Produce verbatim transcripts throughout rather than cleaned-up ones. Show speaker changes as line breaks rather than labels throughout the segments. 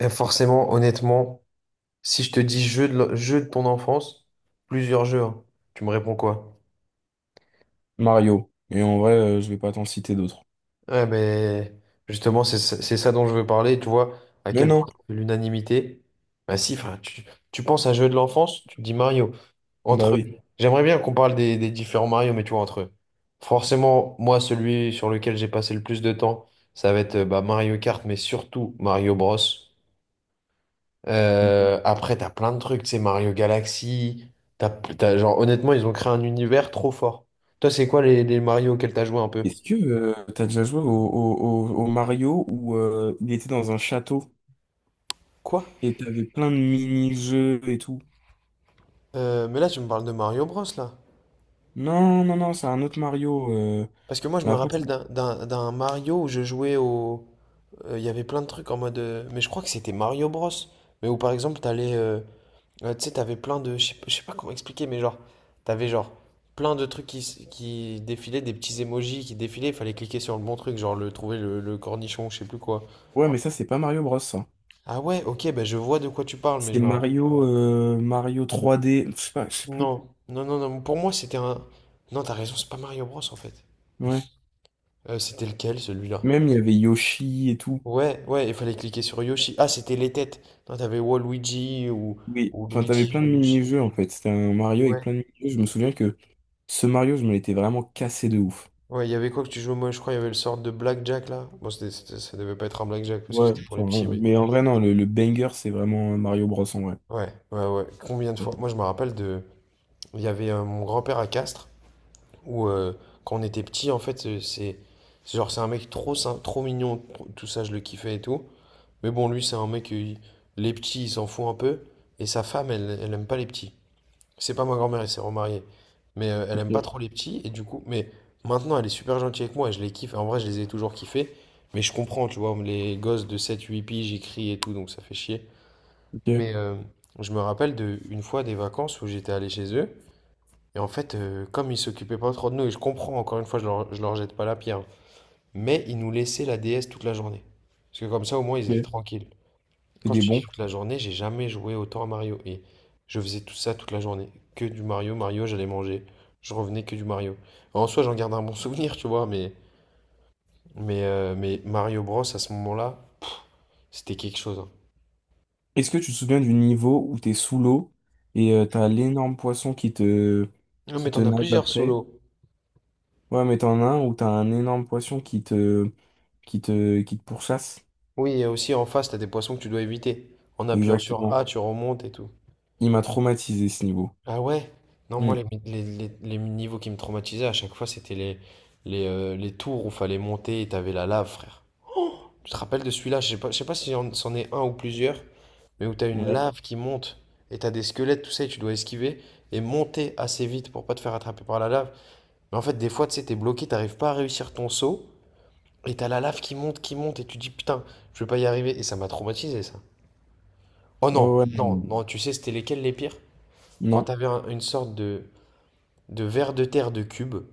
Et forcément, honnêtement, si je te dis jeu de, lo- jeu de ton enfance, plusieurs jeux, hein, tu me réponds quoi?
Mario. Et en vrai, euh, je vais pas t'en citer d'autres.
Ouais, mais justement, c'est ça c'est ça dont je veux parler, tu vois, à
Mais
quel point
non,
l'unanimité. Bah si, frère, tu, tu penses à jeu de l'enfance, tu te dis Mario.
bah
Entre
oui.
J'aimerais bien qu'on parle des, des différents Mario, mais tu vois, entre eux. Forcément, moi, celui sur lequel j'ai passé le plus de temps, ça va être euh, bah, Mario Kart, mais surtout Mario Bros. Euh, après, t'as plein de trucs, tu sais, Mario Galaxy. T'as, t'as- genre, honnêtement, ils ont créé un univers trop fort. Toi, c'est quoi les, les Mario auxquels t'as joué un peu?
Est-ce que euh, t'as déjà joué au, au- au- au Mario où euh, il était dans un château
Quoi?
et t'avais plein de mini-jeux et tout?
Euh, mais là, tu me parles de Mario Bros, là.
Non, non, non, c'est un autre Mario. euh,
Parce que moi, je
Mais
me
après,
rappelle
c'est-
d'un d'un- d'un Mario où je jouais au. euh, Il y avait plein de trucs en mode. euh, Mais je crois que c'était Mario Bros. Mais où, par exemple, t'allais. Euh, euh, tu sais, t'avais plein de. Je sais pas je sais pas comment expliquer, mais genre. T'avais genre plein de trucs qui, s- qui défilaient, des petits emojis qui défilaient. Il fallait cliquer sur le bon truc, genre le trouver le, le cornichon, je sais plus quoi.
ouais, mais ça, c'est pas Mario Bros. Ça.
Ah ouais, ok, bah je vois de quoi tu parles, mais
C'est
je me... rapp-
Mario, euh, Mario trois D. Je sais pas, je sais plus.
Non, non, non, non, pour moi c'était un. Non, t'as raison, c'est pas Mario Bros en fait.
Ouais.
Euh, c'était lequel celui-là?
Même il y avait Yoshi et tout.
Ouais, ouais, il fallait cliquer sur Yoshi. Ah, c'était les têtes. Non, t'avais Waluigi ou,
Oui.
ou
Enfin, t'avais
Luigi
plein
ou
de
Yoshi.
mini-jeux en fait. C'était un Mario avec
Ouais.
plein de mini-jeux. Je me souviens que ce Mario, je me l'étais vraiment cassé de ouf.
Ouais, il y avait quoi que tu jouais? Moi, je crois il y avait le sort de Blackjack là. Bon, c'était, c'était- ça devait pas être un Blackjack parce que
Ouais,
c'était pour les
enfin,
petits,
euh,
mais.
mais en vrai, non, le, le banger, c'est vraiment euh, Mario Bros. En vrai.
Ouais, ouais, ouais. Combien de fois? Moi, je me rappelle de. Il y avait euh, mon grand-père à Castres. Ou euh, quand on était petit, en fait, euh, c'est c'est genre c'est un mec trop sym- trop mignon, trop- tout ça je le kiffais et tout. Mais bon, lui c'est un mec, euh, il- les petits il s'en fout un peu et sa femme elle elle aime pas les petits. C'est pas ma grand-mère, elle s'est remariée, mais euh, elle aime pas trop les petits et du coup, mais maintenant elle est super gentille avec moi et je les kiffe. En vrai, je les ai toujours kiffés, mais je comprends, tu vois, les gosses de sept, huit piges j'écris et tout, donc ça fait chier.
Ok,
Mais euh, je me rappelle de une fois des vacances où j'étais allé chez eux. Et en fait, euh, comme ils s'occupaient pas trop de nous, et je comprends, encore une fois, je leur, je leur jette pas la pierre, mais ils nous laissaient la D S toute la journée. Parce que comme ça, au moins, ils étaient
ok.
tranquilles.
C'est
Quand je
des
te dis
bons.
toute la journée, j'ai jamais joué autant à Mario. Et je faisais tout ça toute la journée. Que du Mario, Mario, j'allais manger. Je revenais que du Mario. En soi, j'en garde un bon souvenir, tu vois, mais, mais, euh, mais Mario Bros, à ce moment-là, pff, c'était quelque chose, hein.
Est-ce que tu te souviens du niveau où t'es sous l'eau et euh, t'as l'énorme poisson qui te,
Non, mais
qui te
t'en as
nage
plusieurs
après?
solos.
Ouais, mais t'en as un où t'as un énorme poisson qui te, qui te, qui te pourchasse.
Oui, et aussi en face, t'as des poissons que tu dois éviter. En appuyant sur A,
Exactement.
tu remontes et tout.
Il m'a traumatisé ce niveau.
Ah ouais? Non, moi,
Hmm.
les, les, les- les niveaux qui me traumatisaient à chaque fois, c'était les, les, euh, les tours où fallait monter et t'avais la lave, frère. Tu te rappelles de celui-là? Je sais pas, je sais pas si j'en- c'en est un ou plusieurs, mais où t'as une
Ouais.
lave qui monte et t'as des squelettes, tout ça, et tu dois esquiver et monter assez vite pour pas te faire attraper par la lave. Mais en fait, des fois, tu sais, t'es bloqué, t'arrives pas à réussir ton saut et t'as la lave qui monte, qui monte et tu dis putain, je vais pas y arriver. Et ça m'a traumatisé, ça. Oh
Ouais,
non,
ouais. Non.
non, non, tu sais, c'était lesquels les pires? Quand
Non.
t'avais un- une sorte de. de vers de terre de cubes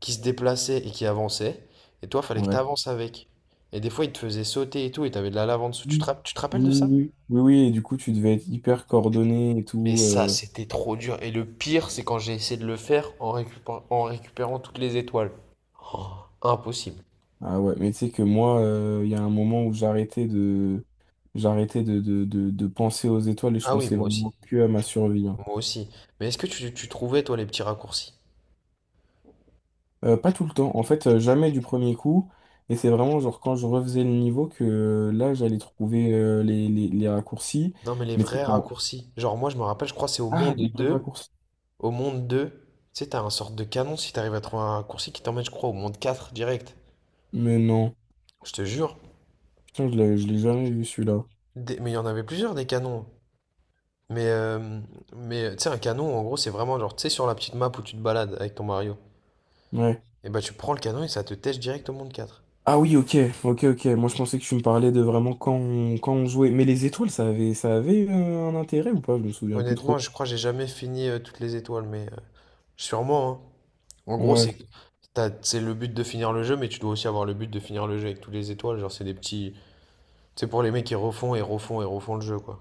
qui se déplaçaient et qui avançaient. Et toi, fallait que tu
Ouais.
avances avec. Et des fois, ils te faisaient sauter et tout, et t'avais de la lave en dessous. Tu te,
Oui.
rapp- tu te rappelles
Oui,
de
oui,
ça?
oui. Oui, oui, et du coup, tu devais être hyper coordonné et
Mais
tout.
ça,
euh,
c'était trop dur. Et le pire, c'est quand j'ai essayé de le faire en récupérant, en récupérant toutes les étoiles. Oh, impossible.
Ah ouais, mais tu sais que moi, euh, il y a un moment où j'arrêtais de, j'arrêtais de, de, de, de penser aux étoiles et je
Ah oui,
pensais
moi aussi.
vraiment que à ma survie, hein.
Moi aussi. Mais est-ce que tu, tu trouvais, toi, les petits raccourcis?
Euh, pas tout le temps, en fait, euh, jamais du premier coup. Et c'est vraiment genre quand je refaisais le niveau que euh, là, j'allais trouver euh, les, les, les raccourcis.
Non, mais les
Mais tu sais
vrais
quand...
raccourcis. Genre, moi, je me rappelle, je crois, que c'est au
Ah,
monde
des vrais
deux
raccourcis.
Au monde deux tu sais, t'as un sorte de canon si t'arrives à trouver un raccourci qui t'emmène, je crois, au monde quatre direct.
Mais non.
Je te jure.
Putain, je l'ai, je l'ai jamais vu celui-là.
Des- Mais il y en avait plusieurs des canons. Mais, euh, mais euh, tu sais, un canon, en gros, c'est vraiment genre, tu sais, sur la petite map où tu te balades avec ton Mario.
Ouais.
Et bah, tu prends le canon et ça te tèche direct au monde quatre.
Ah oui, ok, ok, ok. Moi, je pensais que tu me parlais de vraiment quand on, quand on jouait. Mais les étoiles, ça avait, ça avait euh, un intérêt ou pas? Je me souviens plus
Honnêtement,
trop.
je crois que j'ai jamais fini euh, toutes les étoiles, mais euh, sûrement, hein. En gros,
Ouais.
c'est t'as- c'est le but de finir le jeu, mais tu dois aussi avoir le but de finir le jeu avec toutes les étoiles. Genre, c'est des petits. C'est pour les mecs qui refont et refont et refont le jeu, quoi.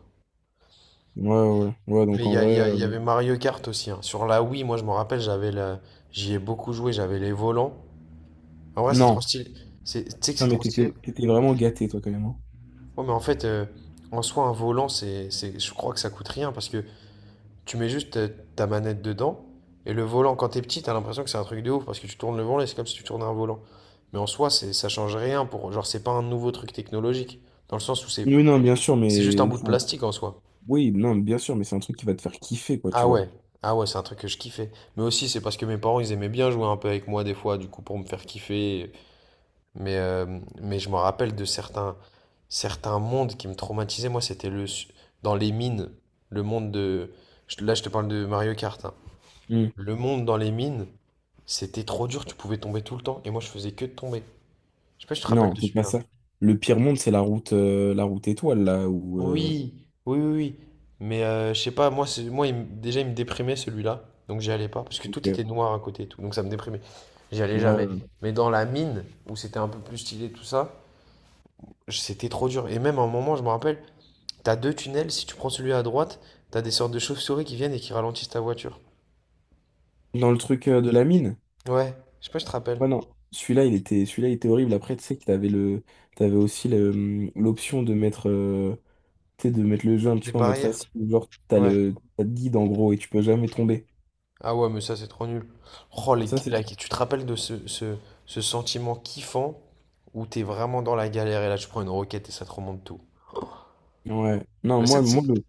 Ouais, ouais, ouais,
Mais
donc
il y,
en
a- il
vrai,
y a- il
euh,
y avait Mario Kart aussi, hein. Sur la Wii, moi, je me rappelle, j'avais la... j'y ai beaucoup joué, j'avais les volants. En vrai, c'est trop
non.
stylé. C'est- Tu sais que c'est
Putain, mais
trop stylé.
t'étais t'étais vraiment gâté, toi, quand même, hein.
Ouais, mais en fait, euh, en soi, un volant, c'est, c'est, je crois que ça coûte rien parce que tu mets juste euh, ta manette dedans et le volant, quand t'es petit, t'as l'impression que c'est un truc de ouf parce que tu tournes le volant et c'est comme si tu tournais un volant. Mais en soi, c'est, ça change rien pour, genre, c'est pas un nouveau truc technologique dans le sens où c'est,
Oui, non, bien sûr,
c'est juste un
mais
bout de
c'est un-
plastique en soi.
oui, non, bien sûr, mais c'est un truc qui va te faire kiffer, quoi, tu
Ah
vois.
ouais, ah ouais, c'est un truc que je kiffais. Mais aussi, c'est parce que mes parents, ils aimaient bien jouer un peu avec moi des fois, du coup, pour me faire kiffer. Mais, euh, mais je me rappelle de certains, certains mondes qui me traumatisaient. Moi, c'était le, dans les mines, le monde de. je- Là, je te parle de Mario Kart, hein.
Hmm.
Le monde dans les mines, c'était trop dur, tu pouvais tomber tout le temps. Et moi, je faisais que de tomber. Je sais pas si tu te rappelles
Non,
de
c'est pas
celui-là.
ça. Le pire monde, c'est la route, euh, la route étoile, là, où, euh,
Oui, oui, oui, oui. Mais euh, je sais pas, moi, c'est- moi il me- déjà, il me déprimait celui-là. Donc, j'y allais pas. Parce que
ok.
tout était
Ouais.
noir à côté et tout. Donc, ça me déprimait. J'y allais jamais.
Ouais.
Mais dans la mine, où c'était un peu plus stylé, tout ça, je- c'était trop dur. Et même à un moment, je me rappelle. T'as deux tunnels, si tu prends celui à droite, t'as des sortes de chauves-souris qui viennent et qui ralentissent ta voiture.
Dans le truc euh, de la mine.
Ouais, je sais pas, je te rappelle.
Ouais, non. Celui-là, il était, celui-là, il était horrible. Après, tu sais que t'avais le, t'avais aussi le, hum, l'option de mettre, euh, tu sais, de mettre le jeu un petit
Des
peu en mode
barrières.
facile. Genre, t'as
Ouais.
le, t'as le guide, en gros, et tu peux jamais tomber.
Ah ouais, mais ça, c'est trop nul. Oh, les-
Ça, c'est
la- tu te rappelles de ce, ce, ce sentiment kiffant où t'es vraiment dans la galère et là, tu prends une roquette et ça te remonte tout.
ouais. Non,
Mais ça,
moi,
Ça, tu
moi,
sais-
le,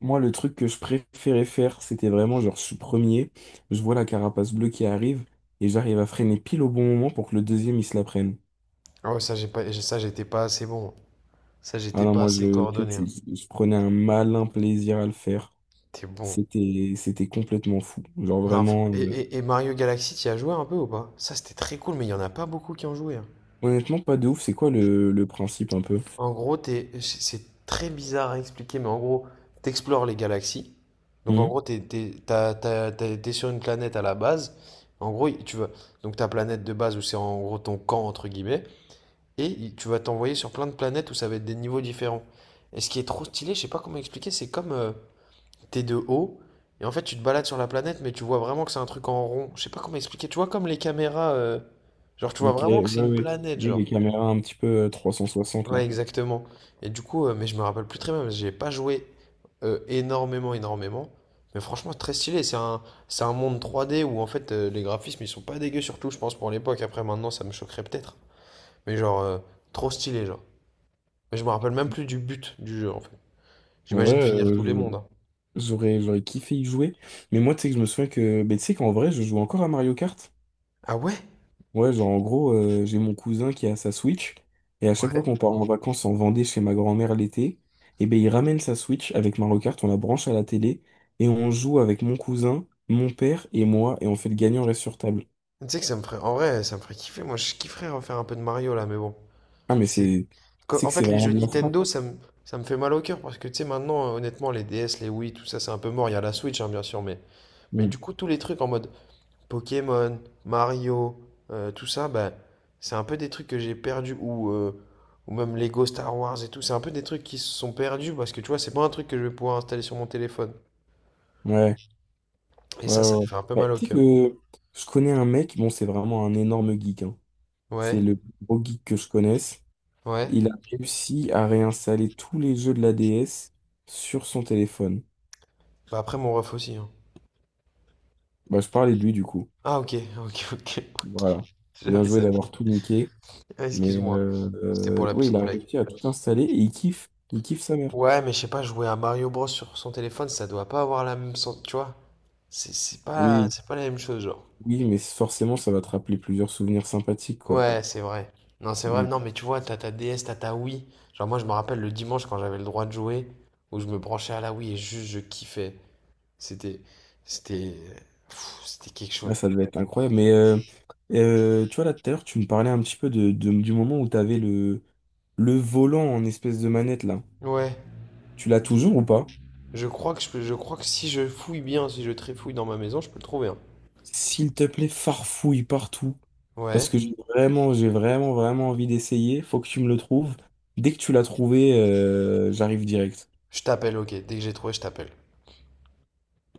moi, le truc que je préférais faire, c'était vraiment genre, je suis premier, je vois la carapace bleue qui arrive et j'arrive à freiner pile au bon moment pour que le deuxième, il se la prenne.
ah ouais, ça, j'ai pas, j'ai- ça, j'étais pas assez bon. Ça,
Ah
j'étais
non,
pas
moi,
assez
je sais que
coordonné,
c'est-
hein.
je prenais un malin plaisir à le faire.
T'es bon.
C'était, c'était complètement fou. Genre
Non, fr-
vraiment,
et,
euh,
et- et Mario Galaxy, t'y as joué un peu ou pas? Ça, c'était très cool, mais il y en a pas beaucoup qui ont joué, hein.
honnêtement, pas de ouf. C'est quoi le, le principe un peu?
En gros, t'es- c'est très bizarre à expliquer, mais en gros, t'explores les galaxies. Donc en
Hmm.
gros, t'es, t'es- t'as- t'as- t'es- t'es sur une planète à la base. En gros, tu vas donc ta planète de base où c'est en gros ton camp entre guillemets, et il- tu vas t'envoyer sur plein de planètes où ça va être des niveaux différents. Et ce qui est trop stylé, je sais pas comment expliquer, c'est comme euh, t'es de haut et en fait tu te balades sur la planète, mais tu vois vraiment que c'est un truc en rond. Je sais pas comment expliquer. Tu vois comme les caméras, euh, genre tu vois
Ok,
vraiment
ouais,
que c'est une
ouais.
planète,
Oui,
genre.
les caméras un petit peu euh, trois cent soixante
Ouais,
là.
exactement. Et du coup, euh, mais je me rappelle plus très bien, parce que j'ai pas joué euh, énormément, énormément. Mais franchement, très stylé. C'est un, c'est un monde trois D où en fait euh, les graphismes ils sont pas dégueux, surtout je pense pour l'époque. Après, maintenant, ça me choquerait peut-être. Mais genre, euh, trop stylé, genre. Mais je me rappelle même plus du but du jeu en fait.
En
J'imagine
vrai,
finir tous les mondes, hein.
J'aurais, j'aurais kiffé y jouer. Mais moi, tu sais que je me souviens que, ben, tu sais qu'en vrai, je joue encore à Mario Kart.
Ah ouais?
Ouais, genre, en gros, euh, j'ai mon cousin qui a sa Switch. Et à chaque fois
Ouais.
qu'on part en vacances en Vendée chez ma grand-mère l'été, et ben, il ramène sa Switch avec Mario Kart, on la branche à la télé. Et on joue avec mon cousin, mon père et moi. Et on fait le gagnant reste sur table.
Tu sais que ça me ferait, en vrai, ça me ferait kiffer. Moi, je kifferais refaire un peu de Mario là, mais bon.
Ah, mais
C'est...
c'est, tu
Qu-
sais
En
que c'est
fait, les
vraiment
jeux
de la frappe.
Nintendo, ça me, ça me fait mal au cœur parce que tu sais, maintenant, euh, honnêtement, les D S, les Wii, tout ça, c'est un peu mort. Il y a la Switch, hein, bien sûr, mais, mais
Mm.
du coup, tous les trucs en mode Pokémon, Mario, euh, tout ça, bah, c'est un peu des trucs que j'ai perdus ou, euh, ou même Lego Star Wars et tout. C'est un peu des trucs qui se sont perdus parce que tu vois, c'est pas un truc que je vais pouvoir installer sur mon téléphone.
Ouais,
Et
ouais,
ça,
ouais.
ça me
Ouais.
fait un peu
Bah,
mal au
tu sais
cœur.
que je connais un mec, bon, c'est vraiment un énorme geek, hein. C'est
Ouais,
le plus gros geek que je connaisse.
ouais.
Il a réussi à réinstaller tous les jeux de la D S sur son téléphone.
Bah, après, mon ref aussi, hein.
Bah, je parlais de lui du coup.
Ah, ok, ok, ok.
Voilà. Bien
J'avais
joué
ça.
d'avoir tout niqué.
Ah,
Mais
excuse-moi.
euh,
C'était pour
euh,
la
oui, il
petite
a
blague.
réussi à tout installer et il kiffe. Il kiffe sa mère.
Ouais, mais je sais pas, jouer à Mario Bros sur son téléphone, ça doit pas avoir la même sens, tu vois. C'est c'est pas,
Oui,
c'est pas la même chose, genre.
oui, mais forcément, ça va te rappeler plusieurs souvenirs sympathiques, quoi.
Ouais, c'est vrai. Non, c'est vrai,
Mm.
non, mais tu vois, t'as ta D S, t'as ta Wii. Genre, moi, je me rappelle le dimanche quand j'avais le droit de jouer, où je me branchais à la Wii et juste je kiffais. C'était, c'était, pff, c'était quelque chose.
Ah, ça devait être incroyable. Mais euh, euh, tu vois, là, tout à l'heure, tu me parlais un petit peu de, de- du moment où tu avais le, le volant en espèce de manette, là.
Ouais,
Tu l'as toujours ou pas?
je crois que je peux, je crois que si je fouille bien, si je trifouille dans ma maison, je peux le trouver, hein.
S'il te plaît, farfouille partout. Parce
Ouais,
que j'ai Mm. vraiment, j'ai vraiment, vraiment envie d'essayer. Faut que tu me le trouves. Dès que tu l'as trouvé, euh, j'arrive direct.
je t'appelle, ok, dès que j'ai trouvé, je t'appelle.